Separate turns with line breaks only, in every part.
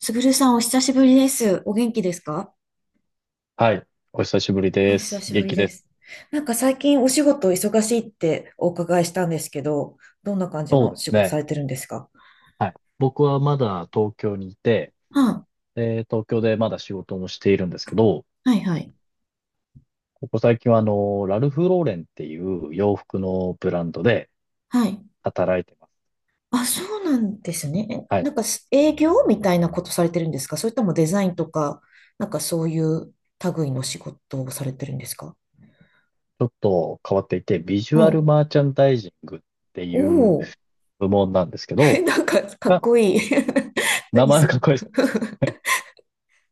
すぐるさん、お久しぶりです。お元気ですか？
はい。お久しぶり
お
で
久
す。
しぶ
元
り
気で
で
す。
す。最近お仕事忙しいってお伺いしたんですけど、どんな感じ
そう
の
です
仕事さ
ね。
れてるんですか？
はい。僕はまだ東京にいて、
は
東京でまだ仕事もしているんですけど、
あ、はいはい。
ここ最近はラルフ・ローレンっていう洋服のブランドで
はい。
働いてます。
あ、そうなんですね。え
はい。ち
なんかす営業みたいなことされてるんですか？それともデザインとか、そういう類の仕事をされてるんですか？
ょっと変わっていて、ビジュ
ほ
アル
う。
マーチャンダイジングって
お
いう
お。
部門なんですけ ど、
なんかかっ
あ
こいい。
名
何
前は
す
か
る
っこいい です。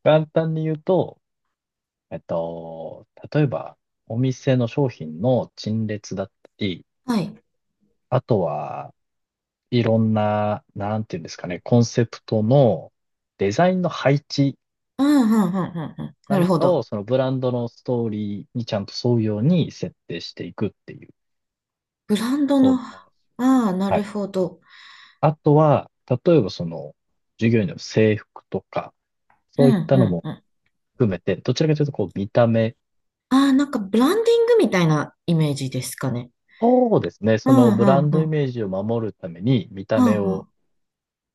簡単に言うと、えっと、例えば、お店の商品の陳列だったり、
はい。
あとは、いろんな、なんていうんですかね、コンセプトのデザインの配置、
うん、うん、うん、うん。うん、なる
何
ほ
かを
ど。
そのブランドのストーリーにちゃんと沿うように設定していくっていう、
ブランド
そ
の、
ん
あ
な。
あ、な
は
る
い。
ほど。
あとは、例えばその、従業員の制服とか、
う
そういっ
ん、
た
う
の
ん、
も
うん。あ
含めて、どちらかというとこう見た目、
あ、なんかブランディングみたいなイメージですかね。
そうですね、
う
その
ん、
ブラ
うん、
ン
う
ドイ
ん。
メージを守るために見た
う
目
んう
を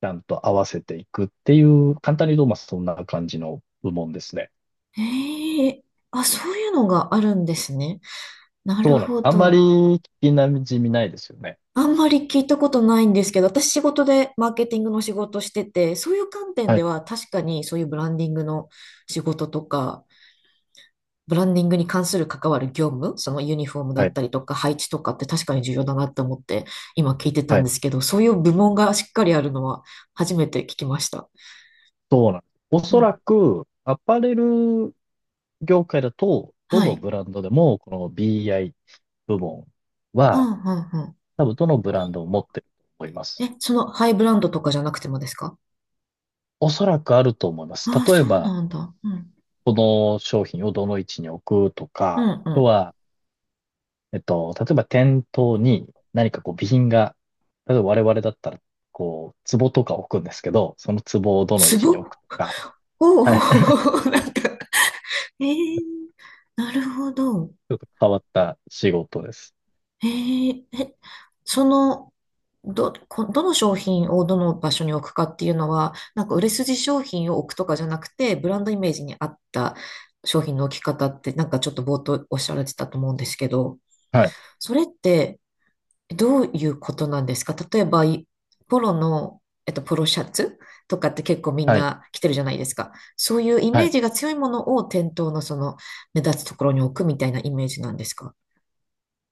ちゃんと合わせていくっていう、簡単に言うとまあそんな感じの部門ですね。
ん、ええ、あ、そういうのがあるんですね。なる
そうなんです。
ほ
あんまり
ど。
聞きなじみないですよね。
あんまり聞いたことないんですけど、私仕事でマーケティングの仕事してて、そういう観点
は
で
い、
は確かにそういうブランディングの仕事とか、ブランディングに関する関わる業務、そのユニフォームだ
は
っ
い、
たりとか配置とかって確かに重要だなって思って今聞いてた
は
んで
い。
すけど、そういう部門がしっかりあるのは初めて聞きました。
そうなんです。お
う
そ
ん。
らく、アパレル業界だと、ど
は
の
い。
ブランドでも、この BI 部門
うん
は、
うんう
多分どのブランドを持ってると思いま
ん。
す。
え、そのハイブランドとかじゃなくてもですか？
おそらくあると思います。
ああ、
例え
そう
ば、
なんだ。うん。
この商品をどの位置に置くと
う
か、あ
んう
と
ん。
は、例えば店頭に何かこう備品が、例えば我々だったら、こう、壺とか置くんですけど、その壺をどの位
ツ
置に置
ボ？
くとか、
おお
はい。
ー、なんか、えー、なるほど。
ちょっと変わった仕事です。
えー、え、その、どの商品をどの場所に置くかっていうのは、なんか売れ筋商品を置くとかじゃなくて、ブランドイメージに合った商品の置き方って、なんかちょっと冒頭おっしゃられてたと思うんですけど、
はい、
それってどういうことなんですか？例えば、ポロの、ポロシャツとかって結構みん
はい、
な着てるじゃないですか。そういうイ
は
メー
い。
ジが強いものを店頭のその目立つところに置くみたいなイメージなんですか？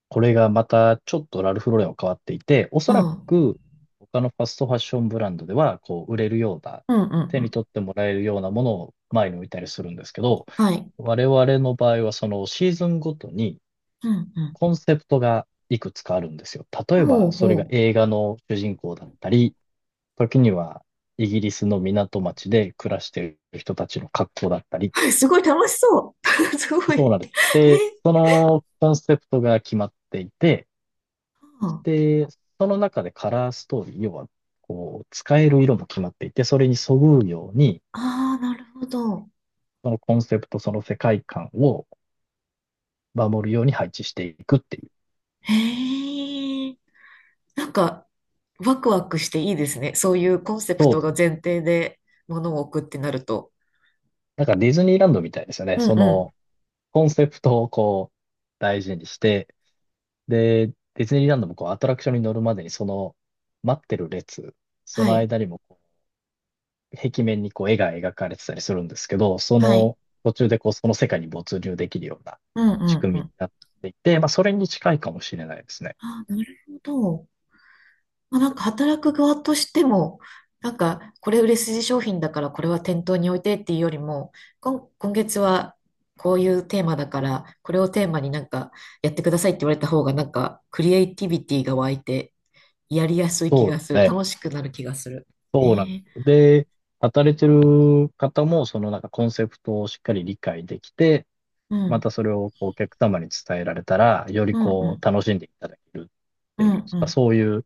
これがまたちょっとラルフローレンは変わっていて、お
う
そら
ん。
く他のファストファッションブランドではこう売れるような、
うんうん
手
う
に
ん。
取ってもらえるようなものを前に置いたりするんですけど、
はい。
我々の場合はそのシーズンごとに
うんうん。
コンセプトがいくつかあるんですよ。例え
ほう
ばそれが
ほ
映画の主人公だったり、時にはイギリスの港町で暮らしている人たちの格好だったり、
う。すごい楽しそう。すごい。
そう なんで
え、
す。で、そのコンセプトが決まっていて、
あ
で、その中でカラーストーリー、要は、こう、使える色も決まっていて、それにそぐうように、
あー、なるほど。
そのコンセプト、その世界観を守るように配置していくっていう。
へえ。なんか、ワクワクしていいですね。そういうコンセプ
そう
ト
で
が
す。
前提で物を置くってなると。
なんかディズニーランドみたいですよね。
う
そ
んうん。
の、コンセプトをこう、大事にして、で、ディズニーランドもこう、アトラクションに乗るまでに、その、待ってる列、そ
は
の
い。
間にも壁面にこう絵が描かれてたりするんですけど、そ
はい。
の途中でこうその世界に没入できるような
うん
仕
うん
組
う
みに
ん。
なっていて、まあそれに近いかもしれないですね。
ああ、なるほど。まあ、なんか働く側としても、なんかこれ売れ筋商品だからこれは店頭に置いてっていうよりも、今月はこういうテーマだからこれをテーマになんかやってくださいって言われた方がなんかクリエイティビティが湧いてやりやすい気
そう
が
です
する。
ね。
楽しくなる気がする。えー、
で、働いてる方もそのなんかコンセプトをしっかり理解できて、
う
ま
ん、
たそれをこうお客様に伝えられたら、より
うん、う
こ
ん、
う楽しんでいただけるっ
う
ていう、
ん、う
まあ、
ん。
そういう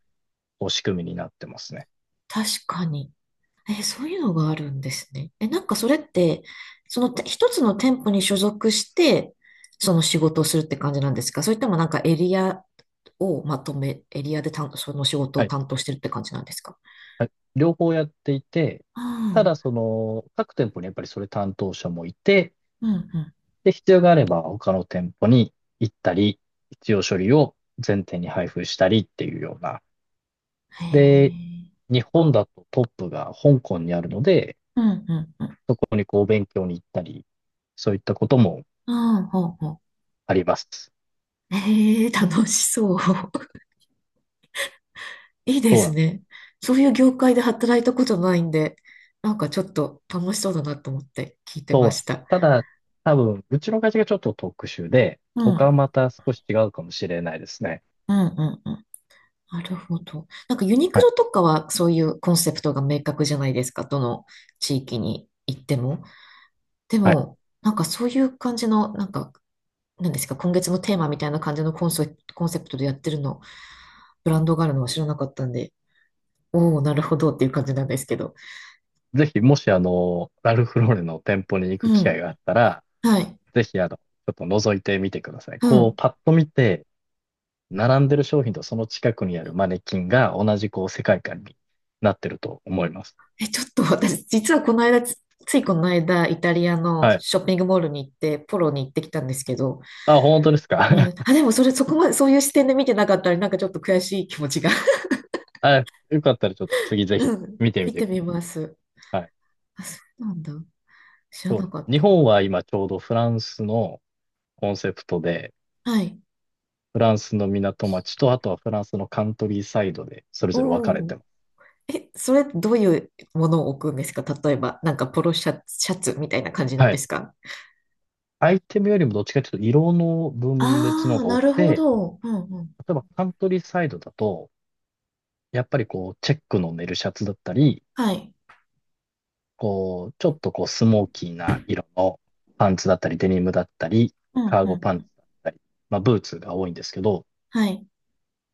こう仕組みになってますね。
確かに。え、そういうのがあるんですね。え、なんかそれって、一つの店舗に所属して、その仕事をするって感じなんですか？それともなんかエリアをまとめ、エリアでその仕事を
はい。
担当してるって感じなんですか？
はい、両方やっていて、
あ
ただそ
あ、
の各店舗にやっぱりそれ担当者もいて、
うん、うんう
で、必要があれば他の店舗に行ったり、必要書類を全店に配布したりっていうような。
ん。へ
で、
え。
日本だとトップが香港にあるので、
うん、うん、うん。
ここにこう勉強に行ったり、そういったことも
ああ、ほうほ
あります。
う。へえ、楽しそう。いいで
そう
す
なんです。
ね。そういう業界で働いたことないんで、なんかちょっと楽しそうだなと思って聞いて
そ
ま
うなん
し
です。
た。
ただ、多分、うちの会社がちょっと特殊で、
う
他は
ん、
また少し違うかもしれないですね。
うん、うん、うん。なるほど。なんかユニク
はい。
ロとかはそういうコンセプトが明確じゃないですか。どの地域に行っても。で
はい。
も、なんかそういう感じの、なんか、なんですか、今月のテーマみたいな感じのコンセプトでやってるの、ブランドがあるのは知らなかったんで、おお、なるほどっていう感じなんですけど。
ぜひ、もしラルフローレンの店舗に行く
う
機
ん。
会があったら、
はい。
ぜひちょっと覗いてみてください。
う
こう、
ん。
パッと見て、並んでる商品とその近くにあるマネキンが同じこう世界観になってると思います。
え、ちょっと私、実はこの間、ついこの間、イタリアの
はい。
ショッピングモールに行って、ポロに行ってきたんですけど、
あ、本当です
うん。
か？
あ、でもそれ、そこまで、そういう視点で見てなかったら、なんかちょっと悔しい気持ちが。
はい。よかったらちょっと次ぜひ
うん。
見てみ
見
て
て
くだ
みます。
さい。はい。
あ、そうなんだ。知ら
そう
な
で
か
す。
っ
日
た。
本は今ちょうどフランスのコンセプトで、
はい。
フランスの港町と、あとはフランスのカントリーサイドでそれ
お
ぞれ分かれて
お。
ます。
え、それどういうものを置くんですか？例えば、なんかポロシャツ、シャツみたいな感じなん
は
で
い。
すか？
アイテムよりもどっちかというと色の分裂の
あ
方
あー、
が
な
多く
るほ
て、
ど。うんうん。
例えばカントリーサイドだと、やっぱりこう、チェックのネルシャツだったり、
はい。
こう、ちょっとこう、スモーキーな色のパンツだったり、デニムだったり、
うん
カー
う
ゴパンツ
ん。
だったり、まあ、ブーツが多いんですけど、
はい。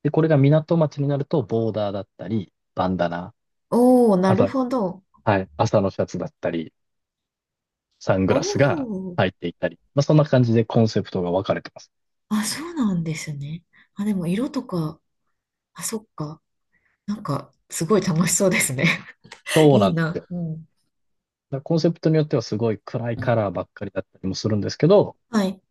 で、これが港町になると、ボーダーだったり、バンダナ、
おお、な
あ
る
と、
ほど。
はい、朝のシャツだったり、サング
お
ラスが
お。
入っていたり、まあ、そんな感じでコンセプトが分かれてます。
あ、そうなんですね。あ、でも色とか、あ、そっか。なんか、すごい楽しそうですね。
そう
い
な
い
んです
な。
よ。
うん。
だからコンセプトによってはすごい暗いカラーばっかりだったりもするんですけど、
はい。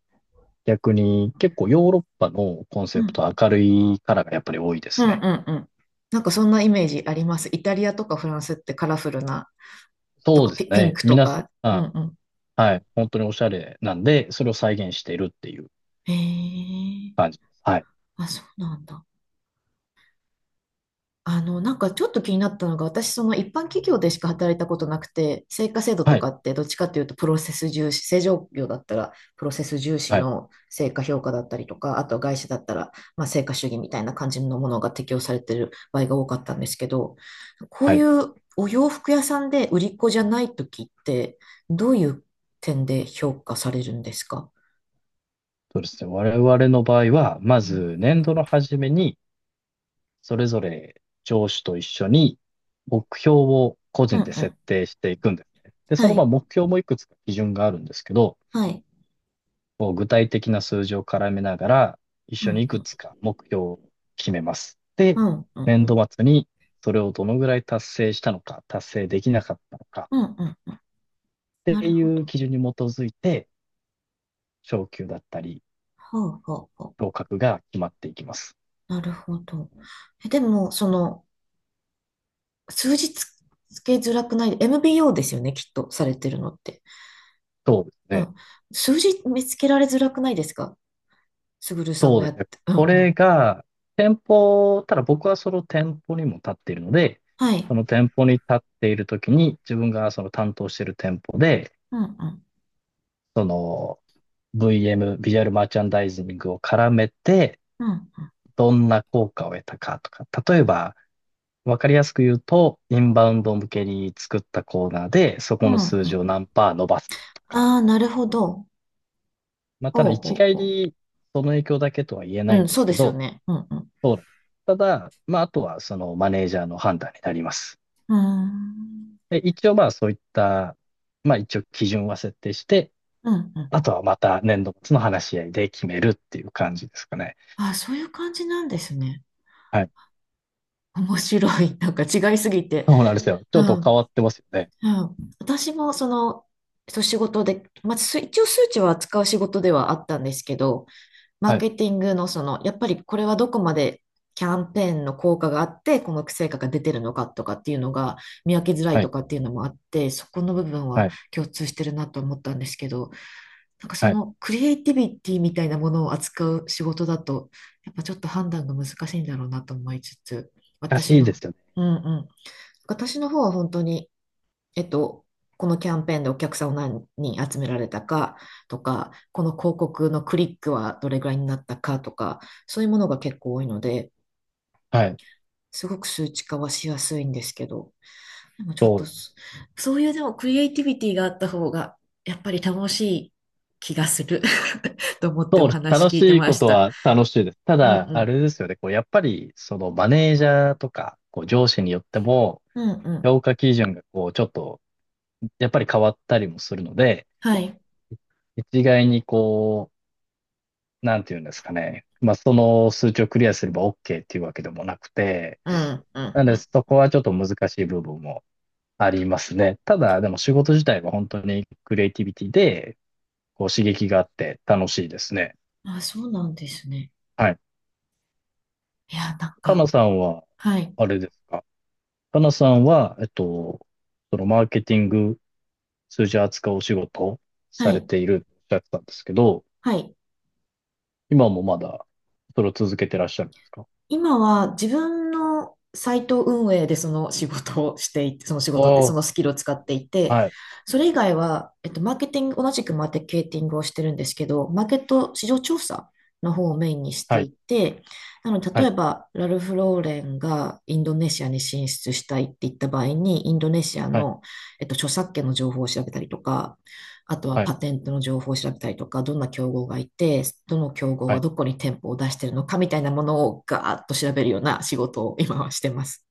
逆に結構ヨーロッパのコン
う
セプ
ん
トは明るいカラーがやっぱり多いで
う
す
んう
ね。
んうん。なんかそんなイメージあります。イタリアとかフランスってカラフルな、と
そう
か
です
ピ、ピン
ね。
クと
皆さ
か。う
ん、
んうん。
はい。本当におしゃれなんで、それを再現しているっていう
へえ。
感じです。はい。
あ、そうなんだ。あの、なんかちょっと気になったのが、私、その一般企業でしか働いたことなくて、成果制度と
はい。
かってどっちかというとプロセス重視、正常業だったらプロセス重視
はい。
の成果評価だったりとか、あとは外資だったら、まあ、成果主義みたいな感じのものが適用されてる場合が多かったんですけど、こう
は
い
い。
うお洋服屋さんで売り子じゃない時って、どういう点で評価されるんですか？
そうですね。我々の場合は、ま
う
ず
ん
年度の初めに、それぞれ上司と一緒に目標を個
うん
人
う
で設
ん。
定していくんですね。で、そ
は
のまあ
い。
目標もいくつか基準があるんですけど、
はい。
こう具体的な数字を絡めながら、一
う
緒に
ん
い
う
く
ん。
つか目標を決めます。
う
で、
んうん。
年度末にそれをどのぐらい達成したのか、達成できなかったのか、
うんうん。
っ
な
て
る
い
ほど。
う基準に基づいて、昇級だったり、
はあはあはあ。
昇格が決まっていきます。
なるほど。え、でも、その、数字つ、つけづらくない、MBO ですよね、きっと、されてるのって。
そうです
う
ね。
ん。数字見つけられづらくないですか？すぐるさん
そう
の
で
や
す
っ
ね。
て。うん
こ
う
れ
ん。
が、店舗、ただ僕はその店舗にも立っているので、
は
そ
い。
の店舗に立っているときに、自分がその担当している店舗で、
うんうん。
その VM、ビジュアルマーチャンダイジングを絡めて、
うんうん。
どんな効果を得たかとか、例えば、わかりやすく言うと、インバウンド向けに作ったコーナーで、そ
う
この
ん
数
う
字
ん。
を何パー伸ばすとか、
ああ、なるほど。
まあ、ただ
ほうほ
一
う
概
ほ
にその影響だけとは言え
う。
な
う
いん
ん、
で
そ
す
うで
け
すよ
ど、
ね。うんうん。
ただ、まあ、あとはそのマネージャーの判断になります。
うーん。
で、一応まあそういった、まあ一応基準は設定して、
うんう
あと
ん。
はまた年度末の話し合いで決めるっていう感じですかね。
ああ、そういう感じなんですね。
はい。
面白い。なんか違いすぎて。
そうなんですよ。ち
う
ょっと変
ん。
わってますよね。
うん、私もその、そう仕事で、まあ、一応数値は扱う仕事ではあったんですけど、マー
はい。
ケティングのその、やっぱりこれはどこまでキャンペーンの効果があって、この成果が出てるのかとかっていうのが見分けづらい
は
と
い。
かっていうのもあって、そこの部分は
はい。
共通してるなと思ったんですけど、なんかそ
はい。
のクリエイティビティみたいなものを扱う仕事だと、やっぱちょっと判断が難しいんだろうなと思いつつ、
ら
私
しいで
の、
すよね。
うんうん、私の方は本当に、えっと、このキャンペーンでお客さんを何人集められたかとか、この広告のクリックはどれぐらいになったかとか、そういうものが結構多いので、
はい。
すごく数値化はしやすいんですけど、でもちょっ
そう
と
です。
そ、そういうでもクリエイティビティがあった方が、やっぱり楽しい気がする と思って
そ
お
うです。
話
楽
聞
し
いて
い
ま
こ
し
と
た。
は楽しいです。た
うん
だ、
う
あ
ん。
れですよね。こう、やっぱり、そのマネージャーとか、こう、上司によっても、
うんうん。
評価基準がこう、ちょっと、やっぱり変わったりもするので、
はい。
一概にこう、なんていうんですかね。まあ、その数値をクリアすれば OK っていうわけでもなくて、
うんうん
なの
う
で、
ん。
そこはちょっと難しい部分もありますね。ただ、でも仕事自体は本当にクリエイティビティで、こう刺激があって楽しいですね。
あ、そうなんですね。
はい。
いや、なん
か
か、
なさんは、
はい。
あれですか。かなさんは、そのマーケティング、数字扱うお仕事を
は
され
い。
ているっておっしゃってたんですけど、
はい。
今もまだ、それを続けてらっしゃるんですか？
今は自分のサイト運営でその仕事をしていて、その仕事って
あ
そ
あ、
のスキルを使っていて、
はい、
それ以外は、えっと、マーケティング、同じくマーケティングをしてるんですけど、マーケット市場調査の方をメインにして
はい、
いて、なので、
は
例え
い、
ば、ラルフ・ローレンがインドネシアに進出したいって言った場合に、インドネシア
はい、
の、著作権の情報を調べたりとか、あとは
はい、
パテントの情報を調べたりとか、どんな競合がいて、どの競合
は
は
い。
どこに店舗を出してるのかみたいなものをガーッと調べるような仕事を今はしてます。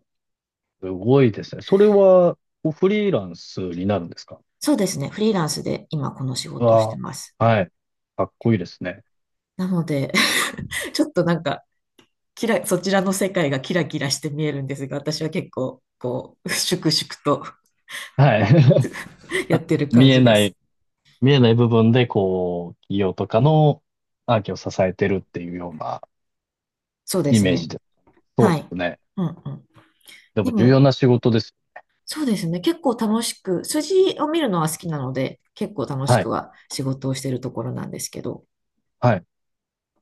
すごいですね。それは、こうフリーランスになるんですか？
そうですね。フリーランスで今この仕
う
事をして
わ
ます。
あ、はい。かっこいいですね。
なので、ちょっとなんか、そちらの世界がキラキラして見えるんですが、私は結構、こう、粛々と
はい。
や
あ
ってる
見
感
え
じで
な
す。
い、見えない、部分で、こう、企業とかのアーキを支えてるっていうような
そうで
イ
す
メージ
ね。
で。そう
は
で
い。
すね。
うんうん。
で
で
も重要
も、
な仕事です。
そうですね。結構楽しく、筋を見るのは好きなので、結構楽し
は
く
い、
は仕事をしているところなんですけど。
はい。